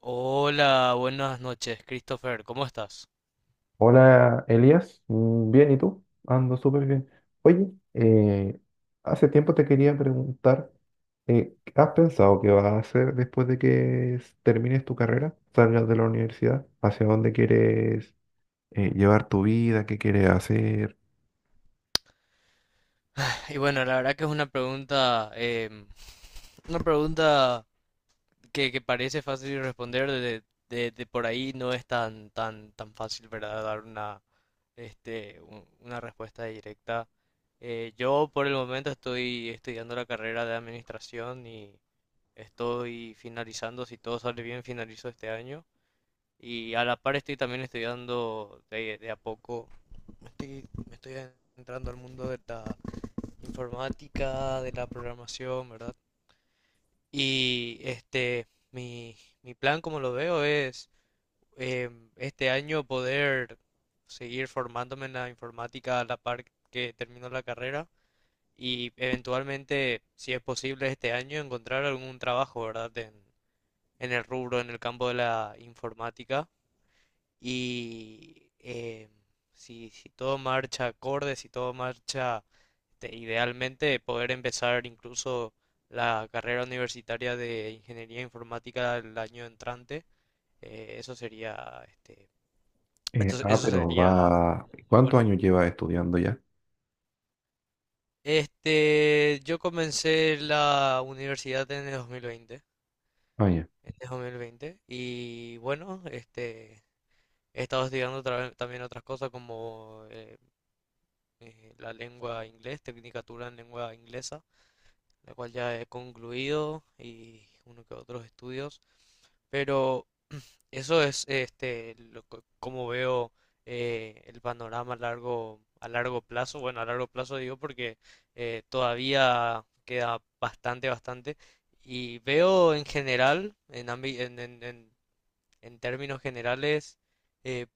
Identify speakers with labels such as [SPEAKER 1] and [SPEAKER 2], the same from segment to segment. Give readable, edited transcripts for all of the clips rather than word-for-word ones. [SPEAKER 1] Hola, buenas noches, Christopher, ¿cómo estás?
[SPEAKER 2] Hola Elías, bien, ¿y tú? Ando súper bien. Oye, hace tiempo te quería preguntar, ¿has pensado qué vas a hacer después de que termines tu carrera, salgas de la universidad? ¿Hacia dónde quieres llevar tu vida? ¿Qué quieres hacer?
[SPEAKER 1] Y bueno, la verdad que es una pregunta, una pregunta que parece fácil de responder, de por ahí no es tan fácil, ¿verdad? Dar una respuesta directa. Yo por el momento estoy estudiando la carrera de administración y estoy finalizando, si todo sale bien, finalizo este año. Y a la par estoy también estudiando de a poco, me estoy entrando al mundo de la informática, de la programación, ¿verdad? Y mi plan, como lo veo, es este año poder seguir formándome en la informática a la par que termino la carrera y eventualmente, si es posible este año, encontrar algún trabajo, ¿verdad? En el rubro, en el campo de la informática. Y si todo marcha acorde, si todo marcha idealmente, poder empezar incluso la carrera universitaria de ingeniería informática el año entrante, eso sería, eso sería muy
[SPEAKER 2] ¿Cuántos
[SPEAKER 1] bueno.
[SPEAKER 2] años llevas estudiando ya?
[SPEAKER 1] Este, yo comencé la universidad en el 2020,
[SPEAKER 2] Ah, ya.
[SPEAKER 1] y bueno, este, he estado estudiando otras cosas como la lengua inglés, tecnicatura en lengua inglesa, la cual ya he concluido y uno que otros estudios. Pero eso es como veo el panorama a largo plazo. Bueno, a largo plazo digo porque todavía queda bastante. Y veo en general, en términos generales, eh,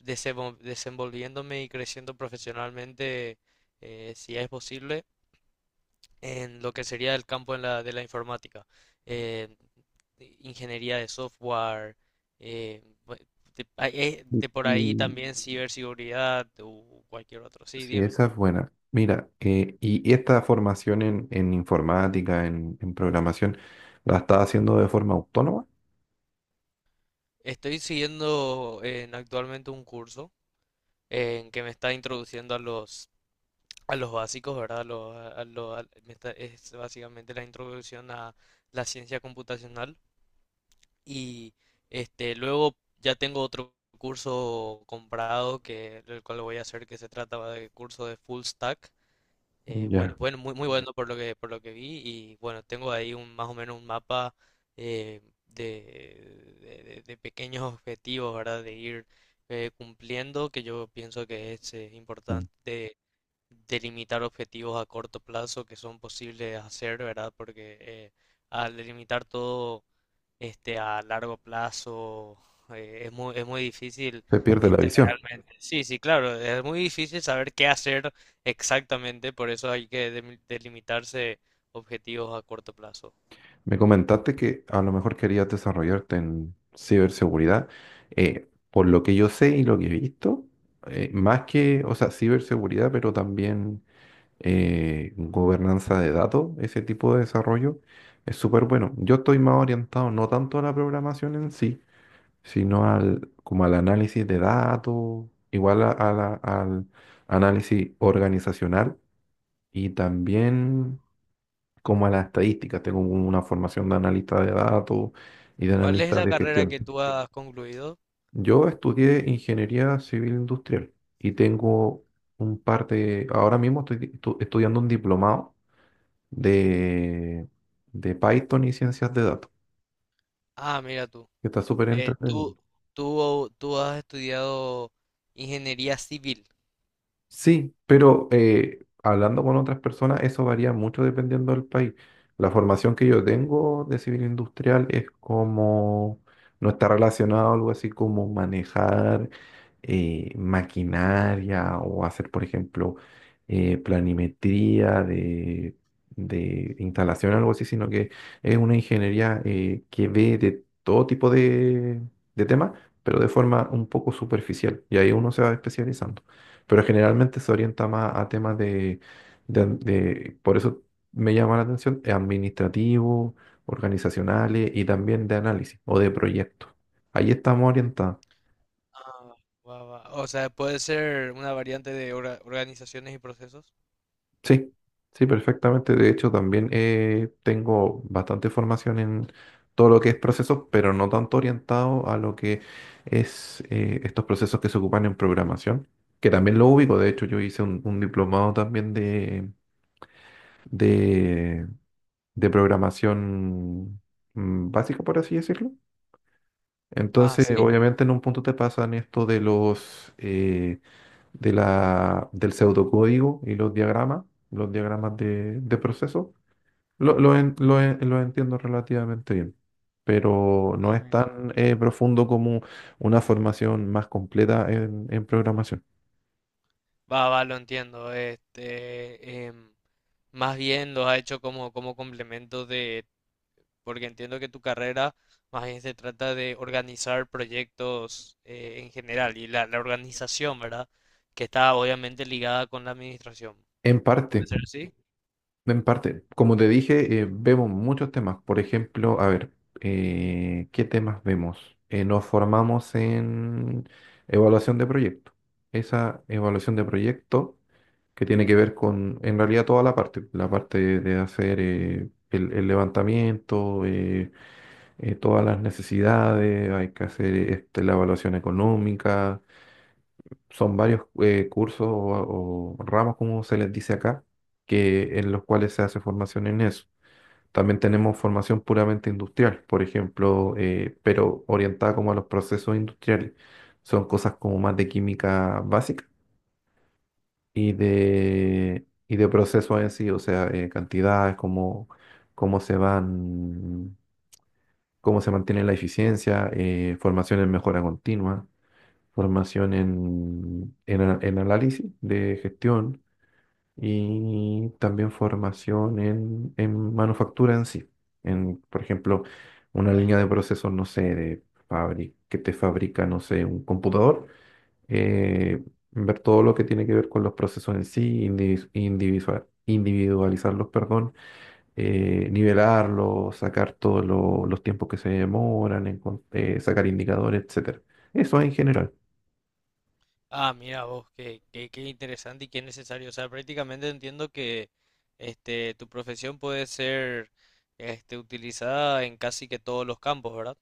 [SPEAKER 1] desenvolviéndome y creciendo profesionalmente, si es posible, en lo que sería el campo de la informática. Eh, Ingeniería de software, eh, bu- de por ahí
[SPEAKER 2] Y,
[SPEAKER 1] también ciberseguridad o cualquier otro. Sí,
[SPEAKER 2] Sí,
[SPEAKER 1] dime.
[SPEAKER 2] esa es buena. Mira, y esta formación en informática, en programación, ¿la estás haciendo de forma autónoma?
[SPEAKER 1] Estoy siguiendo en actualmente un curso en que me está introduciendo a los básicos, ¿verdad? Es básicamente la introducción a la ciencia computacional. Y luego ya tengo otro curso comprado que el cual lo voy a hacer, que se trata de curso de full stack.
[SPEAKER 2] Ya.
[SPEAKER 1] Bueno, muy bueno por lo que vi, y bueno, tengo ahí un más o menos un mapa de pequeños objetivos, ¿verdad? De ir cumpliendo, que yo pienso que es
[SPEAKER 2] Mm.
[SPEAKER 1] importante delimitar objetivos a corto plazo que son posibles de hacer, ¿verdad? Porque al delimitar todo a largo plazo es muy difícil
[SPEAKER 2] Se pierde la visión.
[SPEAKER 1] realmente. Sí, sí, claro, es muy difícil saber qué hacer exactamente, por eso hay que delimitarse objetivos a corto plazo.
[SPEAKER 2] Me comentaste que a lo mejor querías desarrollarte en ciberseguridad. Por lo que yo sé y lo que he visto, más que, o sea, ciberseguridad, pero también gobernanza de datos, ese tipo de desarrollo, es súper bueno. Yo estoy más orientado no tanto a la programación en sí sino como al análisis de datos, igual al análisis organizacional y también como a las estadísticas. Tengo una formación de analista de datos y de
[SPEAKER 1] ¿Cuál es
[SPEAKER 2] analista
[SPEAKER 1] la
[SPEAKER 2] de
[SPEAKER 1] carrera
[SPEAKER 2] gestión.
[SPEAKER 1] que tú has concluido?
[SPEAKER 2] Yo estudié ingeniería civil industrial y tengo un par de, ahora mismo estoy estudiando un diplomado de, de Python y ciencias de datos,
[SPEAKER 1] Ah, mira tú.
[SPEAKER 2] que está súper
[SPEAKER 1] Eh,
[SPEAKER 2] entretenido.
[SPEAKER 1] tú, tú has estudiado ingeniería civil.
[SPEAKER 2] Sí, pero hablando con otras personas, eso varía mucho dependiendo del país. La formación que yo tengo de civil industrial es como no está relacionado a algo así como manejar maquinaria o hacer, por ejemplo, planimetría de instalación, algo así, sino que es una ingeniería que ve de todo tipo de temas, pero de forma un poco superficial. Y ahí uno se va especializando, pero generalmente se orienta más a temas por eso me llama la atención, administrativos, organizacionales y también de análisis o de proyectos. Ahí estamos orientados.
[SPEAKER 1] Ah, va, va. O sea, puede ser una variante de organizaciones y procesos.
[SPEAKER 2] Sí, sí, perfectamente. De hecho, también tengo bastante formación en todo lo que es procesos, pero no tanto orientado a lo que es estos procesos que se ocupan en programación, que también lo ubico. De hecho, yo hice un diplomado también de de programación básica, por así decirlo.
[SPEAKER 1] Ah,
[SPEAKER 2] Entonces,
[SPEAKER 1] sí.
[SPEAKER 2] obviamente en un punto te pasan esto de los de la, del pseudocódigo y los diagramas de proceso. Lo entiendo relativamente bien, pero no
[SPEAKER 1] Ah,
[SPEAKER 2] es
[SPEAKER 1] mira.
[SPEAKER 2] tan profundo como una formación más completa en programación.
[SPEAKER 1] Va, va, lo entiendo. Más bien los ha hecho como, como complemento de, porque entiendo que tu carrera más bien se trata de organizar proyectos en general y la organización, ¿verdad? Que está obviamente ligada con la administración.
[SPEAKER 2] En
[SPEAKER 1] ¿Puede
[SPEAKER 2] parte.
[SPEAKER 1] ser así?
[SPEAKER 2] Como te dije, vemos muchos temas. Por ejemplo, a ver, ¿qué temas vemos? Nos formamos en evaluación de proyecto. Esa evaluación de proyecto que tiene que ver con, en realidad, toda la parte de hacer el levantamiento, todas las necesidades, hay que hacer la evaluación económica. Son varios cursos o ramos, como se les dice acá, en los cuales se hace formación en eso. También tenemos formación puramente industrial, por ejemplo, pero orientada como a los procesos industriales. Son cosas como más de química básica y de procesos en sí, o sea, cantidades, cómo, cómo se van, cómo se mantiene la eficiencia, formación en mejora continua, formación en análisis de gestión y también formación en manufactura en sí. En, por ejemplo, una línea de procesos, no sé, de que te fabrica, no sé, un computador, eh, ver todo lo que tiene que ver con los procesos en sí, individualizarlos, perdón, nivelarlos, sacar todos los tiempos que se demoran, sacar indicadores, etcétera. Eso en general.
[SPEAKER 1] Ah, mira vos, qué interesante y qué necesario. O sea, prácticamente entiendo que tu profesión puede ser utilizada en casi que todos los campos, ¿verdad?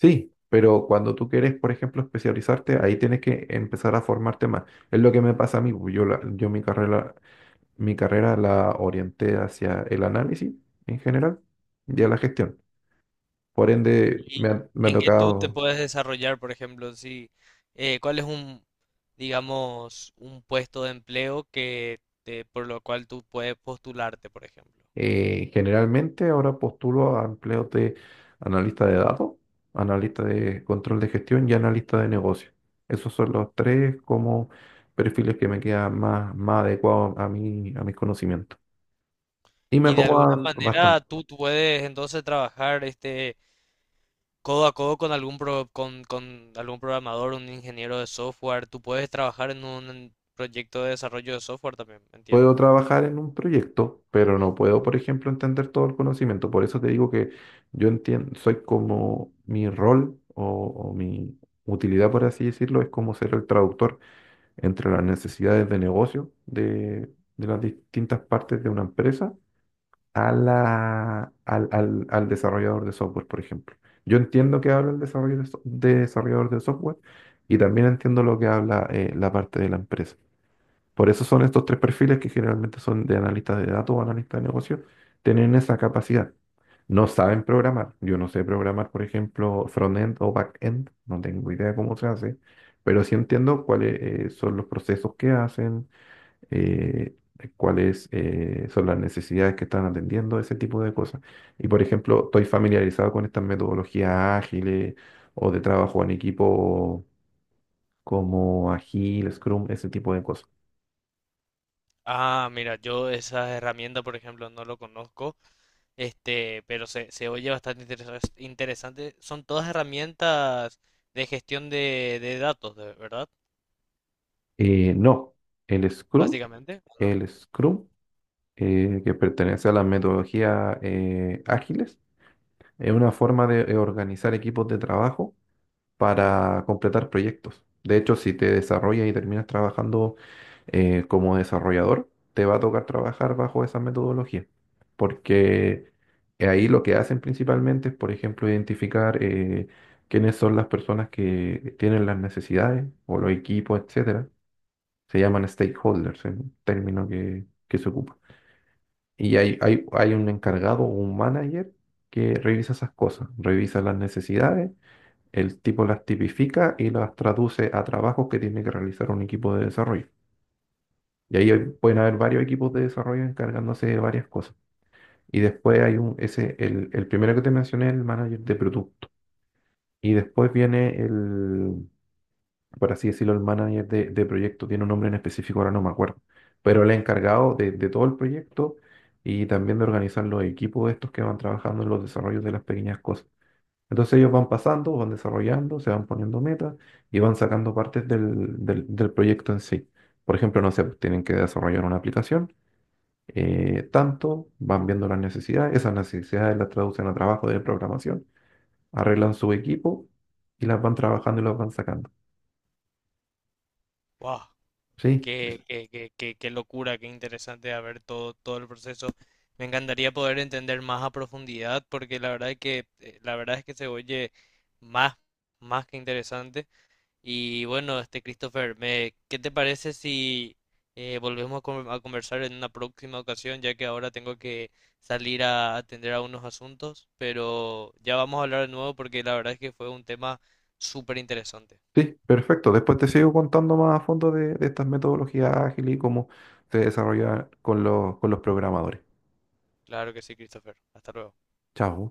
[SPEAKER 2] Sí, pero cuando tú quieres, por ejemplo, especializarte, ahí tienes que empezar a formarte más. Es lo que me pasa a mí. Pues, yo mi carrera la orienté hacia el análisis en general y a la gestión. Por ende,
[SPEAKER 1] ¿Y
[SPEAKER 2] me ha
[SPEAKER 1] en qué tú te
[SPEAKER 2] tocado.
[SPEAKER 1] puedes desarrollar, por ejemplo, si, cuál es digamos, un puesto de empleo por lo cual tú puedes postularte, por ejemplo?
[SPEAKER 2] Generalmente ahora postulo a empleos de analista de datos, analista de control de gestión y
[SPEAKER 1] Ujú.
[SPEAKER 2] analista de negocio. Esos son los tres como perfiles que me quedan más, más adecuados a mí, a mis conocimientos. Y me
[SPEAKER 1] Y de alguna
[SPEAKER 2] acomoda
[SPEAKER 1] manera
[SPEAKER 2] bastante.
[SPEAKER 1] tú puedes entonces trabajar codo a codo con algún con algún programador, un ingeniero de software. Tú puedes trabajar en un proyecto de desarrollo de software también, entiendo.
[SPEAKER 2] Puedo trabajar en un proyecto, pero no puedo, por ejemplo, entender todo el conocimiento. Por eso te digo que yo entiendo, soy como mi rol o mi utilidad, por así decirlo, es como ser el traductor entre las necesidades de negocio de las distintas partes de una empresa a la, al, al, al desarrollador de software, por ejemplo. Yo entiendo que habla el desarrollador de software y también entiendo lo que habla la parte de la empresa. Por eso son estos tres perfiles que generalmente son de analistas de datos o analistas de negocios, tienen esa capacidad. No saben programar. Yo no sé programar, por ejemplo, front-end o back-end. No tengo idea cómo se hace, pero sí entiendo cuáles son los procesos que hacen, eh, cuáles son las necesidades que están atendiendo, ese tipo de cosas. Y, por ejemplo, estoy familiarizado con estas metodologías ágiles o de trabajo en equipo como Agile, Scrum, ese tipo de cosas.
[SPEAKER 1] Ah, mira, yo esa herramienta, por ejemplo, no lo conozco, pero se oye bastante interesante. Son todas herramientas de gestión de datos, de... ¿verdad?
[SPEAKER 2] No, el Scrum,
[SPEAKER 1] Básicamente, ¿o
[SPEAKER 2] el Scrum que pertenece a la metodología ágiles, es una forma de organizar equipos de trabajo para completar proyectos. De hecho, si te desarrollas y terminas trabajando como desarrollador, te va a tocar trabajar bajo esa metodología, porque ahí lo que hacen principalmente es, por ejemplo, identificar quiénes son las personas que tienen las necesidades o los equipos, etcétera. Se llaman stakeholders, es un término que se ocupa. Y hay un encargado o un manager que revisa esas cosas, revisa las necesidades, el tipo las tipifica y las traduce a trabajos que tiene que realizar un equipo de desarrollo. Y ahí pueden haber varios equipos de desarrollo encargándose de varias cosas. Y después hay el primero que te mencioné, el manager de producto. Y después viene el por así decirlo, el manager de proyecto, tiene un nombre en específico, ahora no me acuerdo, pero el encargado de todo el proyecto y también de organizar los equipos estos que van trabajando en los desarrollos de las pequeñas cosas. Entonces ellos van pasando, van desarrollando, se van poniendo metas y van sacando partes del proyecto en sí. Por ejemplo, no sé, pues, tienen que desarrollar una aplicación, tanto, van viendo las necesidades, esas necesidades las traducen a trabajo de programación, arreglan su equipo y las van trabajando y las van sacando.
[SPEAKER 1] ¿no?
[SPEAKER 2] ¿Sí?
[SPEAKER 1] Qué locura, qué interesante a ver todo, todo el proceso. Me encantaría poder entender más a profundidad porque la verdad es que, la verdad es que se oye más, más que interesante. Y bueno, este Christopher, ¿qué te parece si volvemos a conversar en una próxima ocasión, ya que ahora tengo que salir a atender a unos asuntos, pero ya vamos a hablar de nuevo porque la verdad es que fue un tema súper interesante?
[SPEAKER 2] Sí, perfecto. Después te sigo contando más a fondo de estas metodologías ágiles y cómo se desarrollan con los programadores.
[SPEAKER 1] Claro que sí, Christopher. Hasta luego.
[SPEAKER 2] Chao.